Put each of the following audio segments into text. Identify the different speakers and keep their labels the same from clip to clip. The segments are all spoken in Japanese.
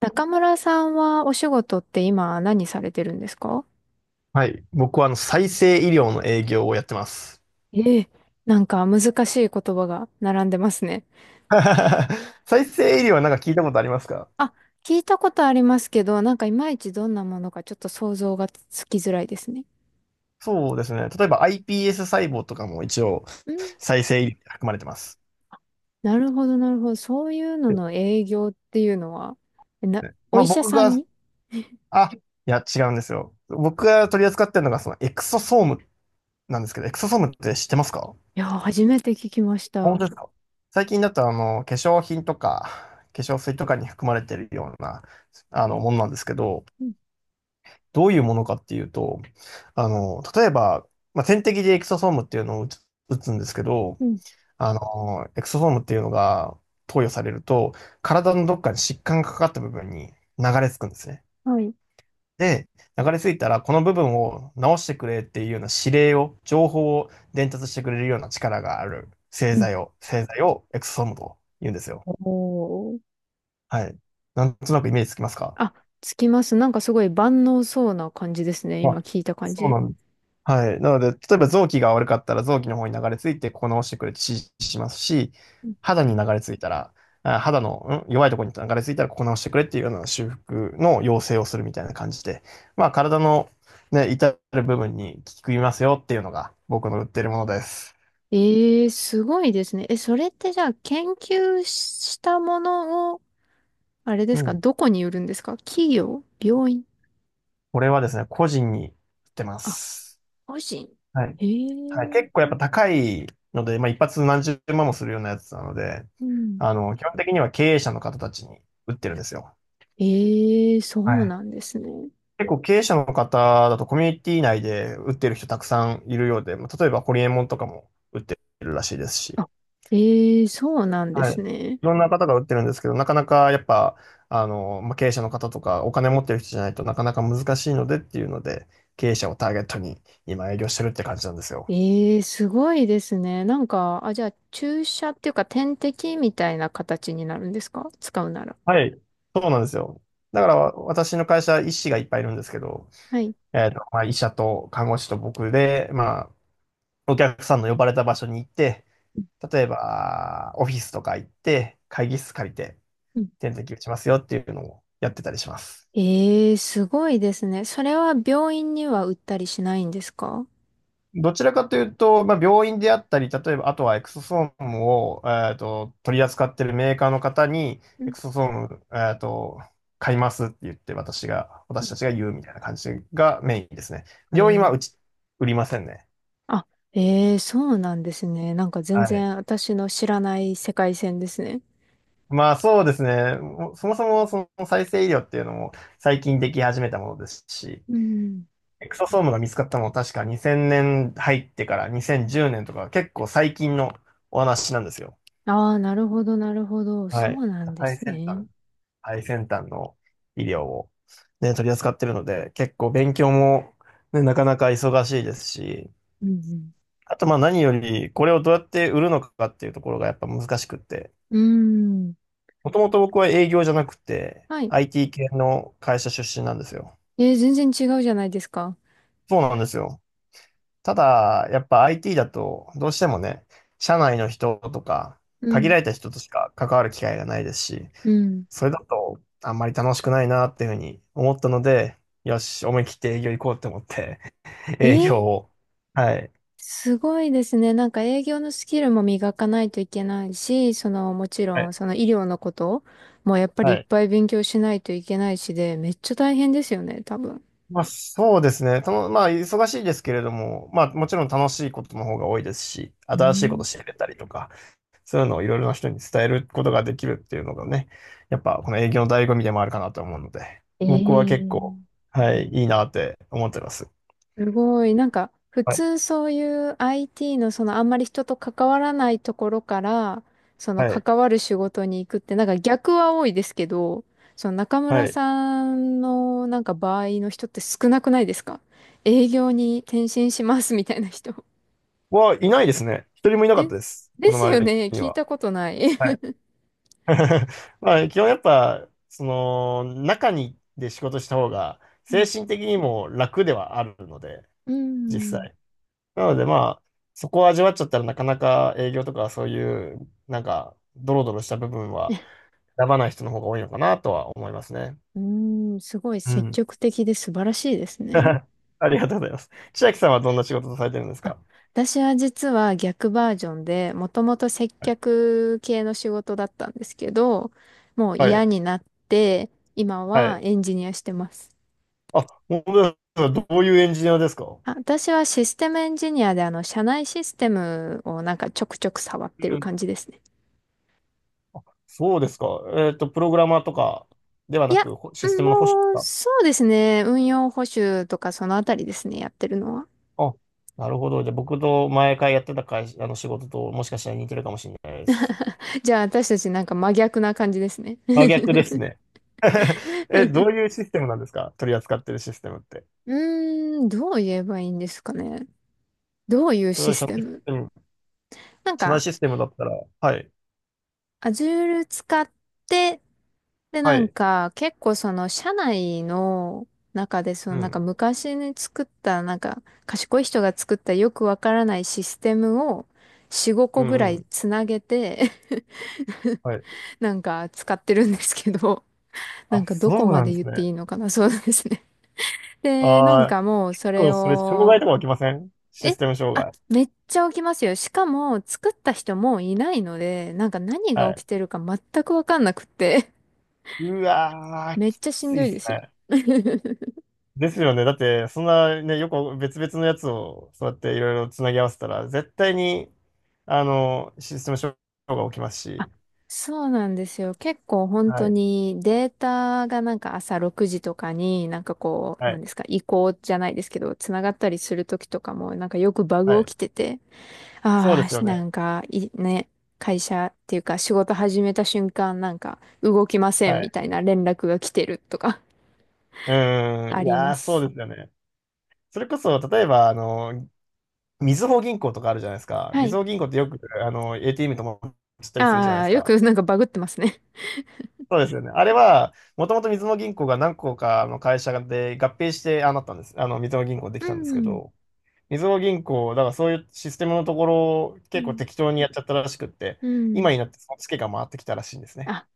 Speaker 1: 中村さんはお仕事って今何されてるんですか？
Speaker 2: はい。僕は再生医療の営業をやってます。
Speaker 1: ええ、なんか難しい言葉が並んでますね。
Speaker 2: 再生医療はなんか聞いたことありますか？
Speaker 1: あ、聞いたことありますけど、なんかいまいちどんなものかちょっと想像がつきづらいですね。
Speaker 2: そうですね。例えば iPS 細胞とかも一応
Speaker 1: うん、
Speaker 2: 再生医療に含まれてます。
Speaker 1: なるほど、なるほど。そういうの
Speaker 2: で、
Speaker 1: の営業っていうのは、えな、お
Speaker 2: まあ
Speaker 1: 医者
Speaker 2: 僕
Speaker 1: さん
Speaker 2: が、
Speaker 1: に、い
Speaker 2: あ、いや違うんですよ。僕が取り扱ってるのがそのエクソソームなんですけど、エクソソームって知ってますか？
Speaker 1: やー、初めて聞きまし
Speaker 2: 本
Speaker 1: た。
Speaker 2: 当ですか？最近だと化粧品とか化粧水とかに含まれてるようなものなんですけど、
Speaker 1: うん、
Speaker 2: どういうものかっていうと、例えば、まあ、点滴でエクソソームっていうのを打つんですけど、
Speaker 1: うん、
Speaker 2: エクソソームっていうのが投与されると、体のどっかに疾患がかかった部分に流れ着くんですね。
Speaker 1: はい。
Speaker 2: で、流れ着いたら、この部分を直してくれっていうような指令を、情報を伝達してくれるような力がある製
Speaker 1: うん。
Speaker 2: 剤を、エクソソームと言うんですよ。
Speaker 1: おー。
Speaker 2: はい。なんとなくイメージつきますか？
Speaker 1: あ、つきます。なんかすごい万能そうな感じですね。
Speaker 2: あ、
Speaker 1: 今聞いた感
Speaker 2: そう
Speaker 1: じ。
Speaker 2: なんです。はい。なので、例えば臓器が悪かったら臓器の方に流れ着いて、ここ直してくれって指示しますし、肌に流れ着いたら、あ肌の、ん弱いところに流れ着いたら、ここ直してくれっていうような修復の要請をするみたいな感じで、まあ、体の、ね、至る部分に効きますよっていうのが僕の売ってるものです。
Speaker 1: ええ、すごいですね。え、それってじゃあ研究したものを、あれで
Speaker 2: う
Speaker 1: すか、
Speaker 2: ん。
Speaker 1: どこに売るんですか？企業、病院？
Speaker 2: これはですね、個人に売ってま
Speaker 1: あ、
Speaker 2: す。
Speaker 1: 個人？
Speaker 2: はい。
Speaker 1: え
Speaker 2: はい。
Speaker 1: え、
Speaker 2: 結構やっぱ高いので、まあ一発何十万もするようなやつなので、
Speaker 1: うん。
Speaker 2: 基本的には経営者の方たちに売ってるんですよ。
Speaker 1: ええ、そ
Speaker 2: は
Speaker 1: う
Speaker 2: い。
Speaker 1: なんですね。
Speaker 2: 結構経営者の方だとコミュニティ内で売ってる人たくさんいるようで、まあ例えばホリエモンとかも売ってるらしいですし、
Speaker 1: あ、ええ、そうなんで
Speaker 2: はい。
Speaker 1: すね。
Speaker 2: いろんな方が売ってるんですけど、なかなかやっぱ、まあ、経営者の方とかお金持ってる人じゃないとなかなか難しいのでっていうので、経営者をターゲットに今営業してるって感じなんですよ。
Speaker 1: ええ、すごいですね。なんか、あ、じゃあ注射っていうか点滴みたいな形になるんですか、使うなら。
Speaker 2: はい。そうなんですよ。だから、私の会社、医師がいっぱいいるんですけど、
Speaker 1: はい。
Speaker 2: まあ、医者と看護師と僕で、まあ、お客さんの呼ばれた場所に行って、例えば、オフィスとか行って、会議室借りて、
Speaker 1: うん。
Speaker 2: 点滴打ちますよっていうのをやってたりします。
Speaker 1: ええ、すごいですね。それは病院には売ったりしないんですか？
Speaker 2: どちらかというと、まあ、病院であったり、例えば、あとはエクソソームを、取り扱っているメーカーの方に、
Speaker 1: う
Speaker 2: エ
Speaker 1: ん。
Speaker 2: クソソーム、買いますって言って、私たちが言うみたいな感じがメインですね。
Speaker 1: は
Speaker 2: 病院は
Speaker 1: い。
Speaker 2: うち、売りませんね。
Speaker 1: あ、ええ、そうなんですね。なんか全
Speaker 2: はい。
Speaker 1: 然私の知らない世界線ですね。
Speaker 2: まあそうですね。もうそもそもその再生医療っていうのも最近でき始めたものですし、
Speaker 1: うん。
Speaker 2: エクソソームが見つかったのも確か2000年入ってから2010年とか結構最近のお話なんですよ。
Speaker 1: ああ、なるほど、なるほど。そ
Speaker 2: はい。
Speaker 1: うなんで
Speaker 2: 最
Speaker 1: す
Speaker 2: 先
Speaker 1: ね。
Speaker 2: 端。最先端の医療を、ね、取り扱ってるので、結構勉強も、ね、なかなか忙しいですし、
Speaker 1: うん
Speaker 2: あとまあ何より、これをどうやって売るのかっていうところがやっぱ難しくって、
Speaker 1: うん。うーん。
Speaker 2: もともと僕は営業じゃなくて、
Speaker 1: はい。
Speaker 2: IT 系の会社出身なんですよ。
Speaker 1: えー、全然違うじゃないですか。
Speaker 2: そうなんですよ。ただ、やっぱ IT だと、どうしてもね、社内の人とか、
Speaker 1: う
Speaker 2: 限
Speaker 1: ん。
Speaker 2: られた人としか関わる機会がないですし、
Speaker 1: うん。
Speaker 2: それだとあんまり楽しくないなっていうふうに思ったので、よし、思い切って営業行こうって思って、
Speaker 1: え
Speaker 2: 営業
Speaker 1: ー、
Speaker 2: を。はい。
Speaker 1: すごいですね。なんか営業のスキルも磨かないといけないし、その、もち
Speaker 2: は
Speaker 1: ろん、
Speaker 2: い。
Speaker 1: その医療のこともやっぱりい
Speaker 2: は
Speaker 1: っ
Speaker 2: い。
Speaker 1: ぱい勉強しないといけないしで、めっちゃ大変ですよね、多分。
Speaker 2: まあそうですね。まあ忙しいですけれども、まあもちろん楽しいことの方が多いですし、
Speaker 1: う
Speaker 2: 新しいこと
Speaker 1: ん。
Speaker 2: 知れたりとか、そういうのをいろいろな人に伝えることができるっていうのがね、やっぱこの営業の醍醐味でもあるかなと思うので、僕は結構、
Speaker 1: ええ。
Speaker 2: はい、いいなって思ってます。
Speaker 1: すごい。なんか、普
Speaker 2: はい。
Speaker 1: 通そういう IT のそのあんまり人と関わらないところから、その
Speaker 2: はい。
Speaker 1: 関わる仕事に行くって、なんか逆は多いですけど、その中村
Speaker 2: はい。
Speaker 1: さんのなんか場合の人って少なくないですか？営業に転身しますみたいな人。
Speaker 2: はい。いないですね。一人もい なかっ
Speaker 1: で
Speaker 2: たで
Speaker 1: す、
Speaker 2: す。
Speaker 1: で
Speaker 2: この
Speaker 1: すよ
Speaker 2: 周り
Speaker 1: ね。
Speaker 2: に
Speaker 1: 聞い
Speaker 2: は。
Speaker 1: たことない。
Speaker 2: はい。 まあ、基本やっぱ、その、中にで仕事した方が、
Speaker 1: う
Speaker 2: 精
Speaker 1: ん。
Speaker 2: 神的にも楽ではあるので、
Speaker 1: う
Speaker 2: 実
Speaker 1: ん。
Speaker 2: 際。なのでまあ、そこを味わっちゃったらなかなか営業とかそういう、なんか、ドロドロした部分は 選ばない人の方が多いのかなとは思いますね。
Speaker 1: うん、すごい
Speaker 2: う
Speaker 1: 積
Speaker 2: ん。
Speaker 1: 極的で素晴らしいです ね。
Speaker 2: ありがとうございます。千秋さんはどんな仕事をされてるんです
Speaker 1: あ、
Speaker 2: か？
Speaker 1: 私は実は逆バージョンで、もともと接客系の仕事だったんですけど、もう
Speaker 2: は
Speaker 1: 嫌
Speaker 2: い。
Speaker 1: になって、今
Speaker 2: は
Speaker 1: は
Speaker 2: い。
Speaker 1: エンジニアしてます。
Speaker 2: あ、本当ですか。どういうエンジニアですか？
Speaker 1: あ、私はシステムエンジニアで、あの、社内システムをなんかちょくちょく触って
Speaker 2: う
Speaker 1: る
Speaker 2: ん。
Speaker 1: 感じですね。
Speaker 2: あ、そうですか。プログラマーとかでは
Speaker 1: い
Speaker 2: な
Speaker 1: や、
Speaker 2: く、
Speaker 1: う
Speaker 2: シス
Speaker 1: ん、
Speaker 2: テムの保守です
Speaker 1: もう、
Speaker 2: か？
Speaker 1: そうですね。運用補修とかそのあたりですね、やってるのは。
Speaker 2: あ、なるほど。じゃあ、僕と前回やってた会社、あの仕事ともしかしたら似てるかもしれないです。
Speaker 1: じゃあ私たちなんか真逆な感じですね。
Speaker 2: 真逆ですね。え、どういうシステムなんですか？取り扱ってるシステムって。
Speaker 1: うーん、どう言えばいいんですかね。どういう
Speaker 2: そうい
Speaker 1: シ
Speaker 2: う
Speaker 1: ス
Speaker 2: 社内
Speaker 1: テ
Speaker 2: シス
Speaker 1: ム。
Speaker 2: テム、
Speaker 1: なん
Speaker 2: 社内
Speaker 1: か
Speaker 2: システムだったら、はい、
Speaker 1: アジュール使って、で、
Speaker 2: は
Speaker 1: なん
Speaker 2: い、
Speaker 1: か、結構その、社内の中で、その、
Speaker 2: う
Speaker 1: なんか
Speaker 2: ん、
Speaker 1: 昔に作った、なんか、賢い人が作ったよくわからないシステムを、4、5
Speaker 2: う
Speaker 1: 個ぐら
Speaker 2: ん、う
Speaker 1: い
Speaker 2: ん、
Speaker 1: つなげて、
Speaker 2: はい。
Speaker 1: なんか使ってるんですけど、な
Speaker 2: あ、
Speaker 1: んかどこ
Speaker 2: そう
Speaker 1: ま
Speaker 2: なん
Speaker 1: で
Speaker 2: で
Speaker 1: 言
Speaker 2: す
Speaker 1: ってい
Speaker 2: ね。
Speaker 1: いのかな、そうですね。で、なん
Speaker 2: ああ、
Speaker 1: かもうそれ
Speaker 2: それ、障害
Speaker 1: を、
Speaker 2: とか起きません？シス
Speaker 1: え
Speaker 2: テム障
Speaker 1: あ、
Speaker 2: 害？
Speaker 1: めっちゃ起きますよ。しかも作った人もういないので、なんか何
Speaker 2: は
Speaker 1: が起
Speaker 2: い。
Speaker 1: きてるか全くわかんなくって。
Speaker 2: うわー、
Speaker 1: めっ
Speaker 2: き
Speaker 1: ちゃし
Speaker 2: つ
Speaker 1: ん
Speaker 2: い
Speaker 1: ど
Speaker 2: で
Speaker 1: い
Speaker 2: す
Speaker 1: ですよ。
Speaker 2: ね。ですよね。だって、そんなね、よく別々のやつを、そうやっていろいろつなぎ合わせたら、絶対に、システム障害が起きます
Speaker 1: あ、
Speaker 2: し。
Speaker 1: そうなんですよ。結構本
Speaker 2: は
Speaker 1: 当
Speaker 2: い。
Speaker 1: にデータがなんか朝6時とかになんかこう、
Speaker 2: は
Speaker 1: なん
Speaker 2: い。
Speaker 1: ですか、移行じゃないですけど、つながったりするときとかもなんかよくバグ
Speaker 2: はい。
Speaker 1: 起きてて、
Speaker 2: そうで
Speaker 1: あ
Speaker 2: すよ
Speaker 1: あ、な
Speaker 2: ね。
Speaker 1: んかい、ね、会社っていうか仕事始めた瞬間なんか動きませ
Speaker 2: は
Speaker 1: んみ
Speaker 2: い。
Speaker 1: たいな連絡が来てるとか。
Speaker 2: う ーん。
Speaker 1: あ
Speaker 2: い
Speaker 1: りま
Speaker 2: やー、そ
Speaker 1: す。
Speaker 2: うですよね。それこそ、例えば、みずほ銀行とかあるじゃないですか。
Speaker 1: は
Speaker 2: みず
Speaker 1: い。
Speaker 2: ほ銀行ってよく、ATM とも知ったりするじゃない
Speaker 1: あ
Speaker 2: です
Speaker 1: あ、よ
Speaker 2: か。
Speaker 1: くなんかバグってますね。
Speaker 2: そうですよね。あれは、もともとみずほ銀行が何個かの会社で合併して、ああなったんです。みずほ銀行で
Speaker 1: う
Speaker 2: きたんですけ
Speaker 1: ん。
Speaker 2: ど、みずほ銀行、だからそういうシステムのところ
Speaker 1: う
Speaker 2: 結構
Speaker 1: ん。
Speaker 2: 適当にやっちゃったらしくって、
Speaker 1: うん。
Speaker 2: 今になってそのツケが回ってきたらしいんですね。
Speaker 1: あ、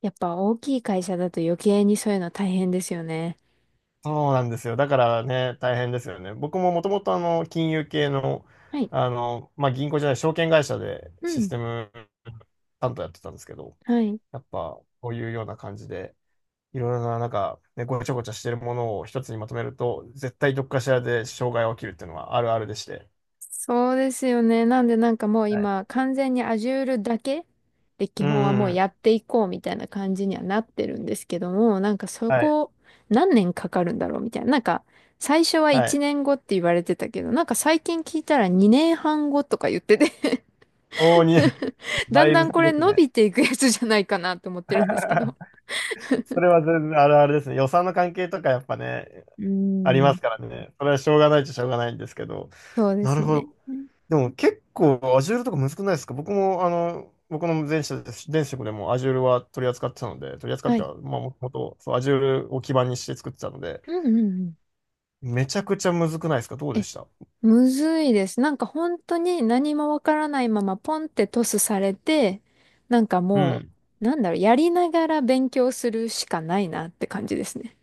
Speaker 1: やっぱ大きい会社だと余計にそういうの大変ですよね。
Speaker 2: そうなんですよ。だからね、大変ですよね。僕ももともと金融系の、
Speaker 1: はい。
Speaker 2: まあ、銀行じゃない、証券会社で
Speaker 1: う
Speaker 2: シス
Speaker 1: ん。
Speaker 2: テム担当やってたんですけど、
Speaker 1: はい。
Speaker 2: やっぱこういうような感じで、いろいろな、なんか、ね、ごちゃごちゃしてるものを一つにまとめると、絶対どっかしらで障害が起きるっていうのはあるあるでして。
Speaker 1: そうですよね。なんでなんかもう
Speaker 2: はい。
Speaker 1: 今完全に Azure だけで
Speaker 2: う
Speaker 1: 基
Speaker 2: ん
Speaker 1: 本は
Speaker 2: う
Speaker 1: も
Speaker 2: ん
Speaker 1: う
Speaker 2: う
Speaker 1: や
Speaker 2: ん。
Speaker 1: っていこうみたいな感じにはなってるんですけども、なんかそ
Speaker 2: はい。
Speaker 1: こ何年かかるんだろうみたいな。なんか最初は
Speaker 2: は
Speaker 1: 1
Speaker 2: い。
Speaker 1: 年後って言われてたけど、なんか最近聞いたら2年半後とか言ってて、
Speaker 2: おーに、
Speaker 1: だ
Speaker 2: だ
Speaker 1: ん
Speaker 2: い
Speaker 1: だ
Speaker 2: ぶ
Speaker 1: ん
Speaker 2: 先
Speaker 1: こ
Speaker 2: で
Speaker 1: れ
Speaker 2: す
Speaker 1: 伸
Speaker 2: ね。
Speaker 1: びていくやつじゃないかなと思ってるんですけど。
Speaker 2: それは全然あるあるですね。予算の関係とかやっぱね、
Speaker 1: うー
Speaker 2: ありま
Speaker 1: ん。
Speaker 2: すからね。それはしょうがないっちゃしょうがないんですけど。
Speaker 1: そうで
Speaker 2: な
Speaker 1: す
Speaker 2: るほ
Speaker 1: ね。
Speaker 2: ど。でも結構 Azure とか難くないですか？僕も、僕の前職です前職でも Azure は取り扱ってたので、取り扱っ
Speaker 1: は
Speaker 2: て
Speaker 1: い。
Speaker 2: た、まあ、もともとそう Azure を基盤にして作ってたので、
Speaker 1: うんうんうん。
Speaker 2: めちゃくちゃ難くないですか？どうで
Speaker 1: え
Speaker 2: した？
Speaker 1: むずいです。なんか本当に何もわからないままポンってトスされて、なんか
Speaker 2: う
Speaker 1: も
Speaker 2: ん。
Speaker 1: う、なんだろう、やりながら勉強するしかないなって感じですね。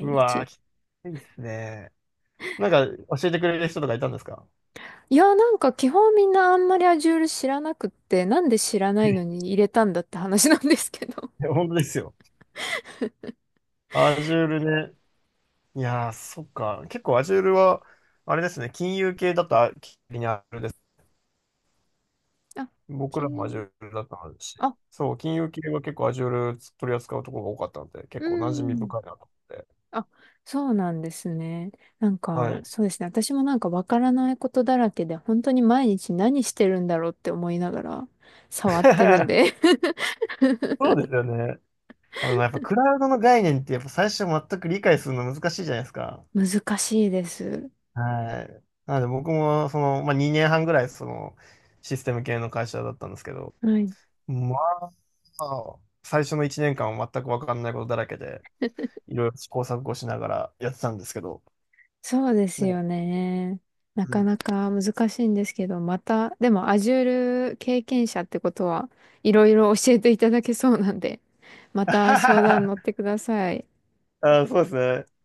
Speaker 2: うわ
Speaker 1: 日。
Speaker 2: ー、きついっすね。なんか教えてくれる人とかいたんですか？
Speaker 1: いや、なんか基本みんなあんまりアジュール知らなくって、なんで知らないのに
Speaker 2: え、
Speaker 1: 入れたんだって話なんですけど。
Speaker 2: 本当ですよ。Azure ね。いやー、そっか。結構 Azure は、あれですね、金融系だと、あれです。
Speaker 1: あ、
Speaker 2: 僕らも
Speaker 1: 金、
Speaker 2: Azure だったし、
Speaker 1: あ、
Speaker 2: そう、金融系は結構 Azure 取り扱うところが多かったので、結
Speaker 1: う
Speaker 2: 構馴染み
Speaker 1: ん。
Speaker 2: 深いなと思って。
Speaker 1: あ、そうなんですね。なん
Speaker 2: は
Speaker 1: か、
Speaker 2: い。
Speaker 1: そうですね。私もなんかわからないことだらけで、本当に毎日何してるんだろうって思いながら触ってるん で、
Speaker 2: そうですよね。やっぱクラウドの概念って、やっぱ最初全く理解するの難しいじゃないですか。
Speaker 1: 難しいです。
Speaker 2: はい。なので僕も、その、まあ、2年半ぐらい、その、システム系の会社だったんですけど、
Speaker 1: はい。
Speaker 2: まあ、最初の1年間は全く分かんないことだらけで、いろいろ試行錯誤しながらやってたんですけど。
Speaker 1: そうです
Speaker 2: ね。
Speaker 1: よね。な
Speaker 2: う
Speaker 1: か
Speaker 2: ん。
Speaker 1: なか難しいんですけど、また、でも Azure 経験者ってことはいろいろ教えていただけそうなんで、また相談乗って ください。
Speaker 2: あ、そうですね。